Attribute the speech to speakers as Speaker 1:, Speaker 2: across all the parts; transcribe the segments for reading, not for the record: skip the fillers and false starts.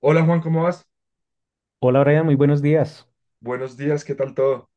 Speaker 1: Hola Juan, ¿cómo vas?
Speaker 2: Hola Brian, muy buenos días.
Speaker 1: Buenos días, ¿qué tal todo?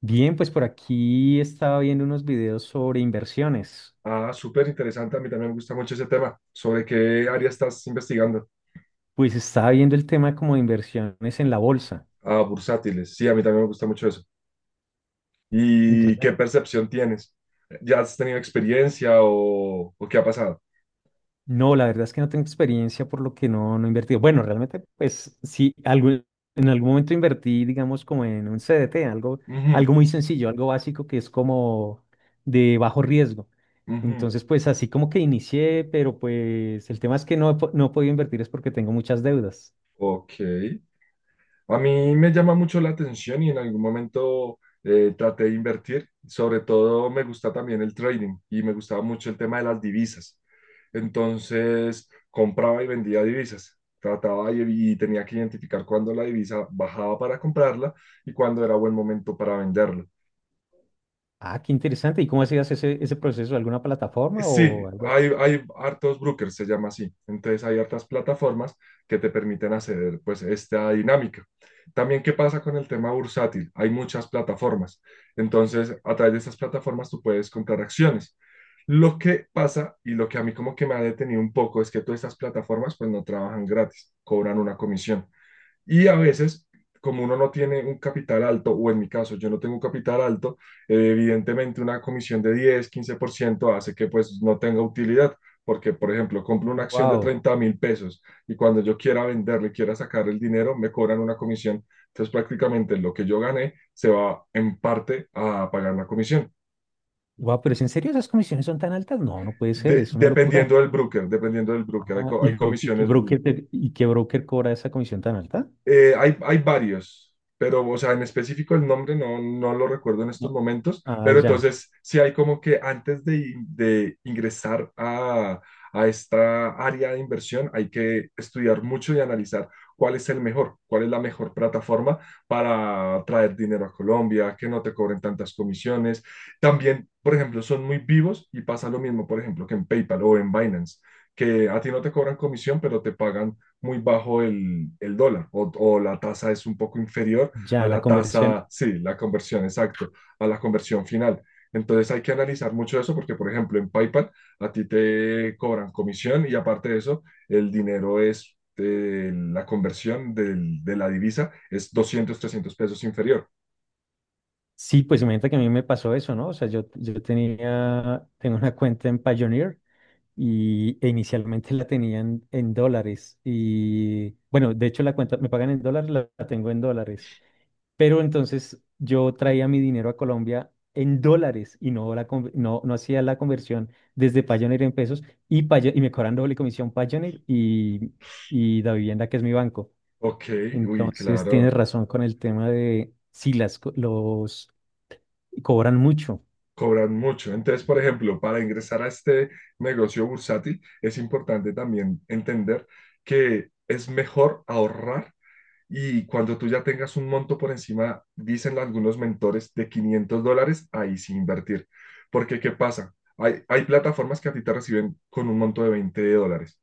Speaker 2: Bien, pues por aquí estaba viendo unos videos sobre inversiones.
Speaker 1: Ah, súper interesante, a mí también me gusta mucho ese tema. ¿Sobre qué área estás investigando?
Speaker 2: Pues estaba viendo el tema como de inversiones en la bolsa.
Speaker 1: Ah, bursátiles, sí, a mí también me gusta mucho eso. ¿Y
Speaker 2: Entonces,
Speaker 1: qué percepción tienes? ¿Ya has tenido experiencia o qué ha pasado?
Speaker 2: no, la verdad es que no tengo experiencia por lo que no he invertido. Bueno, realmente, pues sí, algo, en algún momento invertí, digamos, como en un CDT, algo,
Speaker 1: Ujú,
Speaker 2: algo muy sencillo, algo básico que es como de bajo riesgo.
Speaker 1: ujú.
Speaker 2: Entonces, pues así como que inicié, pero pues el tema es que no, no he podido invertir es porque tengo muchas deudas.
Speaker 1: Ok. A mí me llama mucho la atención y en algún momento traté de invertir. Sobre todo me gusta también el trading y me gustaba mucho el tema de las divisas. Entonces compraba y vendía divisas. Trataba y tenía que identificar cuándo la divisa bajaba para comprarla y cuándo era buen momento para venderla.
Speaker 2: Ah, qué interesante. ¿Y cómo hacías ese proceso? ¿Alguna plataforma
Speaker 1: Sí,
Speaker 2: o algo así?
Speaker 1: hay hartos brokers, se llama así. Entonces hay hartas plataformas que te permiten acceder pues esta dinámica. También, ¿qué pasa con el tema bursátil? Hay muchas plataformas. Entonces, a través de estas plataformas tú puedes comprar acciones. Lo que pasa y lo que a mí como que me ha detenido un poco es que todas estas plataformas pues no trabajan gratis, cobran una comisión. Y a veces, como uno no tiene un capital alto, o en mi caso yo no tengo un capital alto, evidentemente una comisión de 10 15% hace que pues no tenga utilidad. Porque, por ejemplo, compro una acción de
Speaker 2: Wow.
Speaker 1: 30.000 pesos y cuando yo quiera venderle, quiera sacar el dinero, me cobran una comisión. Entonces, prácticamente lo que yo gané se va en parte a pagar la comisión.
Speaker 2: Wow, pero ¿es en serio esas comisiones son tan altas? No, no puede ser, es una locura.
Speaker 1: Dependiendo del broker, dependiendo del broker,
Speaker 2: Ah,
Speaker 1: hay comisiones.
Speaker 2: y qué broker cobra esa comisión tan alta?
Speaker 1: Hay varios, pero, o sea, en específico el nombre no lo recuerdo en estos
Speaker 2: No.
Speaker 1: momentos,
Speaker 2: Ah,
Speaker 1: pero
Speaker 2: ya,
Speaker 1: entonces sí hay como que antes de ingresar a esta área de inversión hay que estudiar mucho y analizar cuál es el mejor, cuál es la mejor plataforma para traer dinero a Colombia, que no te cobren tantas comisiones. También, por ejemplo, son muy vivos y pasa lo mismo, por ejemplo, que en PayPal o en Binance, que a ti no te cobran comisión, pero te pagan muy bajo el dólar la tasa es un poco inferior a
Speaker 2: ya, la
Speaker 1: la
Speaker 2: conversión.
Speaker 1: tasa, sí, la conversión, exacto, a la conversión final. Entonces hay que analizar mucho eso porque, por ejemplo, en PayPal a ti te cobran comisión y aparte de eso, el dinero es, la conversión del, de la divisa es 200 300 pesos inferior.
Speaker 2: Sí, pues imagínate que a mí me pasó eso, ¿no? O sea, yo tenía, tengo una cuenta en Pioneer e inicialmente la tenían en dólares. Y bueno, de hecho la cuenta me pagan en dólares, la tengo en dólares. Pero entonces yo traía mi dinero a Colombia en dólares y no, no hacía la conversión desde Payoneer en pesos y me cobran doble comisión Payoneer y Davivienda, que es mi banco.
Speaker 1: Ok, uy,
Speaker 2: Entonces tienes
Speaker 1: claro,
Speaker 2: razón con el tema de si los cobran mucho.
Speaker 1: cobran mucho. Entonces, por ejemplo, para ingresar a este negocio bursátil, es importante también entender que es mejor ahorrar y cuando tú ya tengas un monto por encima, dicen algunos mentores, de $500, ahí sí invertir. Porque, ¿qué pasa? Hay plataformas que a ti te reciben con un monto de $20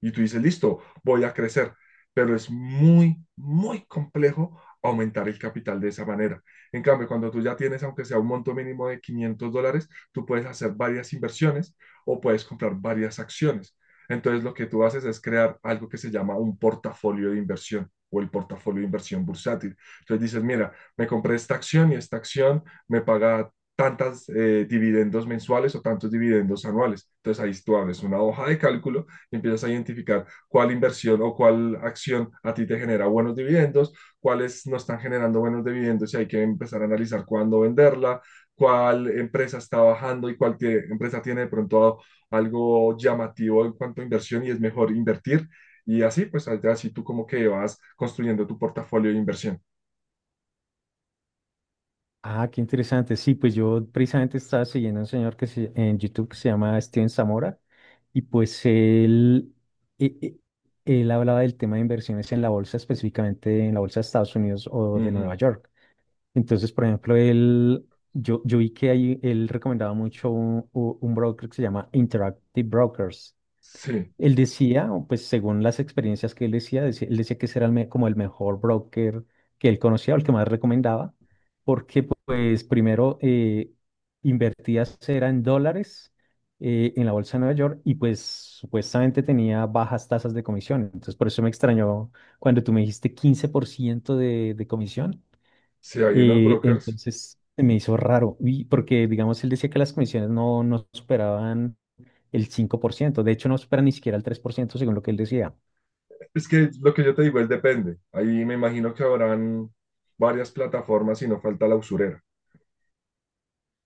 Speaker 1: y tú dices, listo, voy a crecer, pero es muy, muy complejo aumentar el capital de esa manera. En cambio, cuando tú ya tienes, aunque sea un monto mínimo de $500, tú puedes hacer varias inversiones o puedes comprar varias acciones. Entonces, lo que tú haces es crear algo que se llama un portafolio de inversión o el portafolio de inversión bursátil. Entonces dices, mira, me compré esta acción y esta acción me paga tantas dividendos mensuales o tantos dividendos anuales. Entonces ahí tú abres una hoja de cálculo y empiezas a identificar cuál inversión o cuál acción a ti te genera buenos dividendos, cuáles no están generando buenos dividendos y hay que empezar a analizar cuándo venderla, cuál empresa está bajando y cuál tiene, empresa tiene de pronto algo llamativo en cuanto a inversión y es mejor invertir. Y así, pues así tú como que vas construyendo tu portafolio de inversión.
Speaker 2: Ah, qué interesante. Sí, pues yo precisamente estaba siguiendo a un señor en YouTube que se llama Steven Zamora y pues e- e- él hablaba del tema de inversiones en la bolsa, específicamente en la bolsa de Estados Unidos o de
Speaker 1: Ujú.
Speaker 2: Nueva York. Entonces, por ejemplo, yo vi que ahí él recomendaba mucho un broker que se llama Interactive Brokers.
Speaker 1: Sí,
Speaker 2: Él decía, o pues según las experiencias que él decía, él decía que ese era como el mejor broker que él conocía o el que más recomendaba, porque pues primero invertías era en dólares en la bolsa de Nueva York y pues supuestamente tenía bajas tasas de comisión. Entonces por eso me extrañó cuando tú me dijiste 15% de comisión.
Speaker 1: sí, hay unos brokers.
Speaker 2: Entonces se me hizo raro, y porque digamos él decía que las comisiones no superaban el 5%. De hecho, no supera ni siquiera el 3% según lo que él decía.
Speaker 1: Es que lo que yo te digo es depende. Ahí me imagino que habrán varias plataformas y no falta la usurera.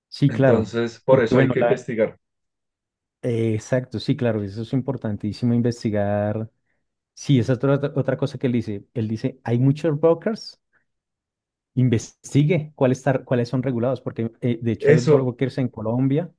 Speaker 2: Sí, claro.
Speaker 1: Entonces, por
Speaker 2: Porque
Speaker 1: eso hay
Speaker 2: bueno,
Speaker 1: que investigar.
Speaker 2: exacto, sí, claro, eso es importantísimo investigar. Sí, esa es otra cosa que él dice. Él dice, hay muchos brokers, investigue cuáles, cuáles son regulados, porque de hecho hay
Speaker 1: Eso,
Speaker 2: brokers en Colombia,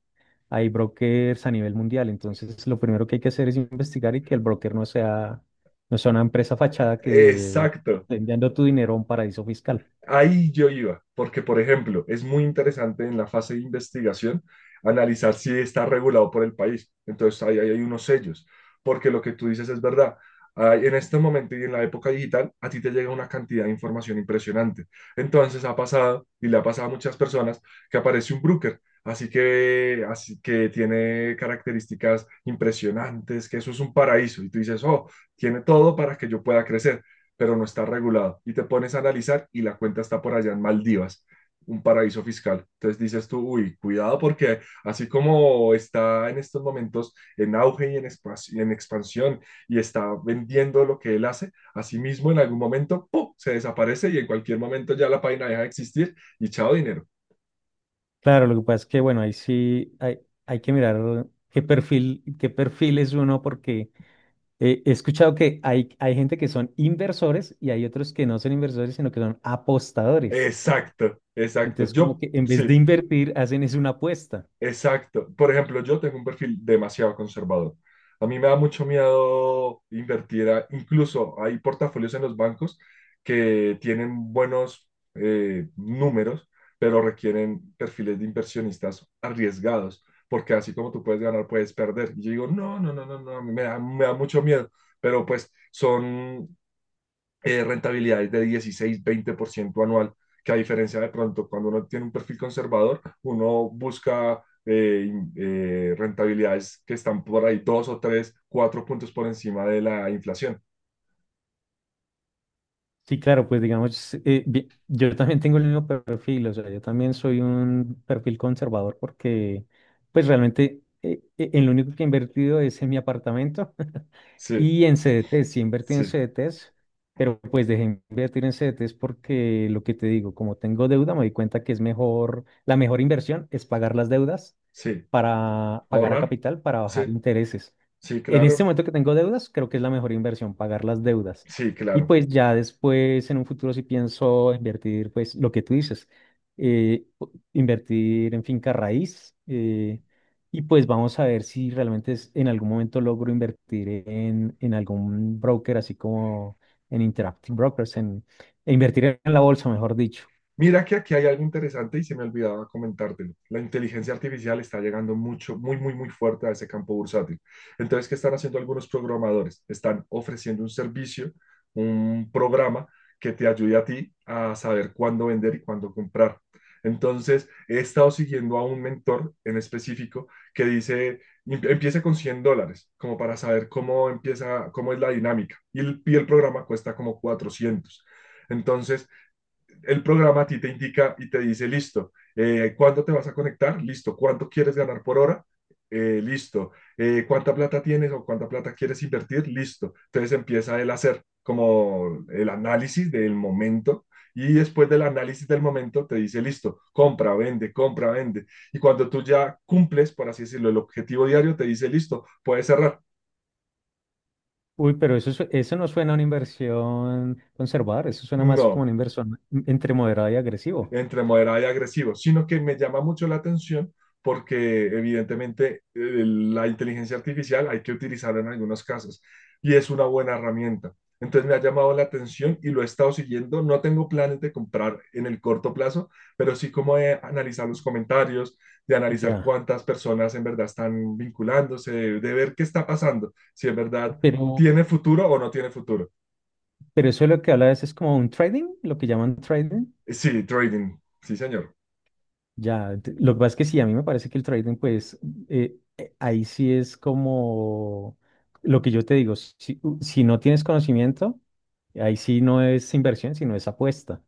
Speaker 2: hay brokers a nivel mundial. Entonces, lo primero que hay que hacer es investigar y que el broker no sea una empresa fachada que te
Speaker 1: exacto.
Speaker 2: esté enviando tu dinero a un paraíso fiscal.
Speaker 1: Ahí yo iba, porque por ejemplo, es muy interesante en la fase de investigación analizar si está regulado por el país. Entonces, ahí hay unos sellos, porque lo que tú dices es verdad. Ah, en este momento y en la época digital, a ti te llega una cantidad de información impresionante. Entonces ha pasado, y le ha pasado a muchas personas, que aparece un broker, así que tiene características impresionantes, que eso es un paraíso. Y tú dices, oh, tiene todo para que yo pueda crecer, pero no está regulado. Y te pones a analizar y la cuenta está por allá en Maldivas, un paraíso fiscal. Entonces dices tú, uy, cuidado porque así como está en estos momentos en auge y en, espacio, en expansión y está vendiendo lo que él hace, asimismo en algún momento ¡pum! Se desaparece y en cualquier momento ya la página deja de existir y chao dinero.
Speaker 2: Claro, lo que pasa es que, bueno, ahí sí hay que mirar qué perfil es uno, porque he escuchado que hay gente que son inversores y hay otros que no son inversores, sino que son apostadores.
Speaker 1: Exacto, exacto.
Speaker 2: Entonces, como
Speaker 1: Yo
Speaker 2: que en vez de
Speaker 1: sí,
Speaker 2: invertir, hacen es una apuesta.
Speaker 1: exacto. Por ejemplo, yo tengo un perfil demasiado conservador. A mí me da mucho miedo invertir. Incluso hay portafolios en los bancos que tienen buenos números, pero requieren perfiles de inversionistas arriesgados, porque así como tú puedes ganar, puedes perder. Y yo digo, no, no, no, no, no, a mí me da mucho miedo. Pero pues son rentabilidades de 16, 20% anual, que a diferencia de pronto cuando uno tiene un perfil conservador, uno busca rentabilidades que están por ahí dos o tres, cuatro puntos por encima de la inflación.
Speaker 2: Sí, claro, pues digamos, yo también tengo el mismo perfil, o sea, yo también soy un perfil conservador porque, pues realmente, en lo único que he invertido es en mi apartamento.
Speaker 1: Sí,
Speaker 2: Y en CDTs, sí invertí en
Speaker 1: sí,
Speaker 2: CDTs, pero pues dejé de invertir en CDTs porque lo que te digo, como tengo deuda, me di cuenta que la mejor inversión es pagar las deudas
Speaker 1: sí.
Speaker 2: para pagar a
Speaker 1: Ahorrar.
Speaker 2: capital para
Speaker 1: Sí,
Speaker 2: bajar intereses.
Speaker 1: sí,
Speaker 2: En este
Speaker 1: claro.
Speaker 2: momento que tengo deudas, creo que es la mejor inversión pagar las deudas.
Speaker 1: Sí,
Speaker 2: Y
Speaker 1: claro.
Speaker 2: pues ya después, en un futuro, si pienso invertir, pues lo que tú dices, invertir en finca raíz. Y pues vamos a ver si realmente en algún momento logro invertir en algún broker, así como en Interactive Brokers, e invertir en la bolsa, mejor dicho.
Speaker 1: Mira que aquí hay algo interesante y se me olvidaba comentártelo. La inteligencia artificial está llegando mucho, muy, muy, muy fuerte a ese campo bursátil. Entonces, ¿qué están haciendo algunos programadores? Están ofreciendo un servicio, un programa que te ayude a ti a saber cuándo vender y cuándo comprar. Entonces, he estado siguiendo a un mentor en específico que dice, Empiece con $100, como para saber cómo empieza, cómo es la dinámica. Y el programa cuesta como 400. Entonces, el programa a ti te indica y te dice, listo, ¿cuándo te vas a conectar? Listo, ¿cuánto quieres ganar por hora? Listo, ¿cuánta plata tienes o cuánta plata quieres invertir? Listo. Entonces empieza el hacer como el análisis del momento y después del análisis del momento te dice, listo, compra, vende, compra, vende. Y cuando tú ya cumples, por así decirlo, el objetivo diario, te dice, listo, puedes cerrar.
Speaker 2: Uy, pero eso, eso no suena a una inversión conservadora, eso suena más como
Speaker 1: No,
Speaker 2: una inversión entre moderado y agresivo.
Speaker 1: entre moderado y agresivo, sino que me llama mucho la atención porque evidentemente la inteligencia artificial hay que utilizarla en algunos casos y es una buena herramienta. Entonces me ha llamado la atención y lo he estado siguiendo. No tengo planes de comprar en el corto plazo, pero sí como de analizar los comentarios, de analizar
Speaker 2: Ya,
Speaker 1: cuántas personas en verdad están vinculándose, de ver qué está pasando, si en verdad
Speaker 2: pero
Speaker 1: tiene futuro o no tiene futuro.
Speaker 2: eso es lo que habla es como un trading, lo que llaman trading.
Speaker 1: Sí, trading, sí señor.
Speaker 2: Ya, lo que pasa es que sí, a mí me parece que el trading, pues ahí sí es como lo que yo te digo, si no tienes conocimiento, ahí sí no es inversión, sino es apuesta.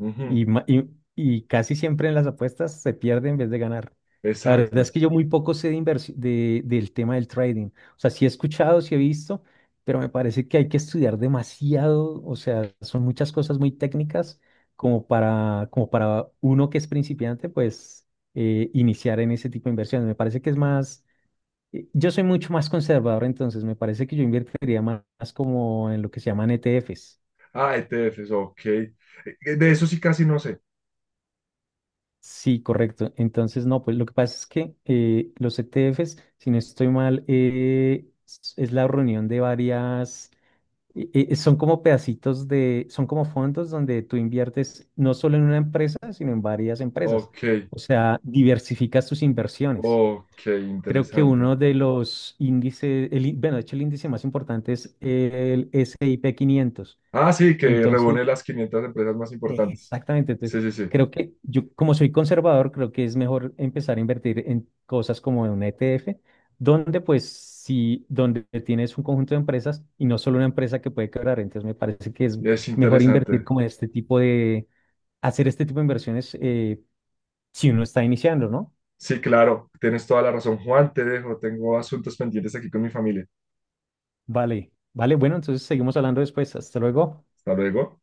Speaker 1: Uh -huh.
Speaker 2: Y, ma- y, y casi siempre en las apuestas se pierde en vez de ganar. La verdad es
Speaker 1: Exacto.
Speaker 2: que yo muy poco sé del tema del trading. O sea, sí he escuchado, sí he visto, pero me parece que hay que estudiar demasiado. O sea, son muchas cosas muy técnicas como para uno que es principiante, pues iniciar en ese tipo de inversiones. Me parece que es más, yo soy mucho más conservador, entonces me parece que yo invertiría más como en lo que se llaman ETFs.
Speaker 1: Ah, ETFs, ok. De eso sí casi no sé.
Speaker 2: Sí, correcto. Entonces, no, pues lo que pasa es que los ETFs, si no estoy mal, es la reunión de varias, son como pedacitos son como fondos donde tú inviertes no solo en una empresa, sino en varias empresas.
Speaker 1: Ok,
Speaker 2: O sea, diversificas tus inversiones.
Speaker 1: ok,
Speaker 2: Creo que
Speaker 1: interesante.
Speaker 2: uno de los índices, bueno, de hecho el índice más importante es el S&P 500.
Speaker 1: Ah, sí, que
Speaker 2: Entonces,
Speaker 1: reúne las 500 empresas más importantes.
Speaker 2: exactamente,
Speaker 1: Sí,
Speaker 2: entonces
Speaker 1: sí, sí.
Speaker 2: creo que yo, como soy conservador, creo que es mejor empezar a invertir en cosas como en un ETF, donde pues sí, donde tienes un conjunto de empresas y no solo una empresa que puede quebrar, entonces me parece que es
Speaker 1: Es
Speaker 2: mejor invertir
Speaker 1: interesante.
Speaker 2: como en este tipo de, hacer este tipo de inversiones si uno está iniciando, ¿no?
Speaker 1: Sí, claro, tienes toda la razón, Juan, te dejo. Tengo asuntos pendientes aquí con mi familia.
Speaker 2: Vale, vale, bueno, entonces seguimos hablando después, hasta luego.
Speaker 1: Hasta luego.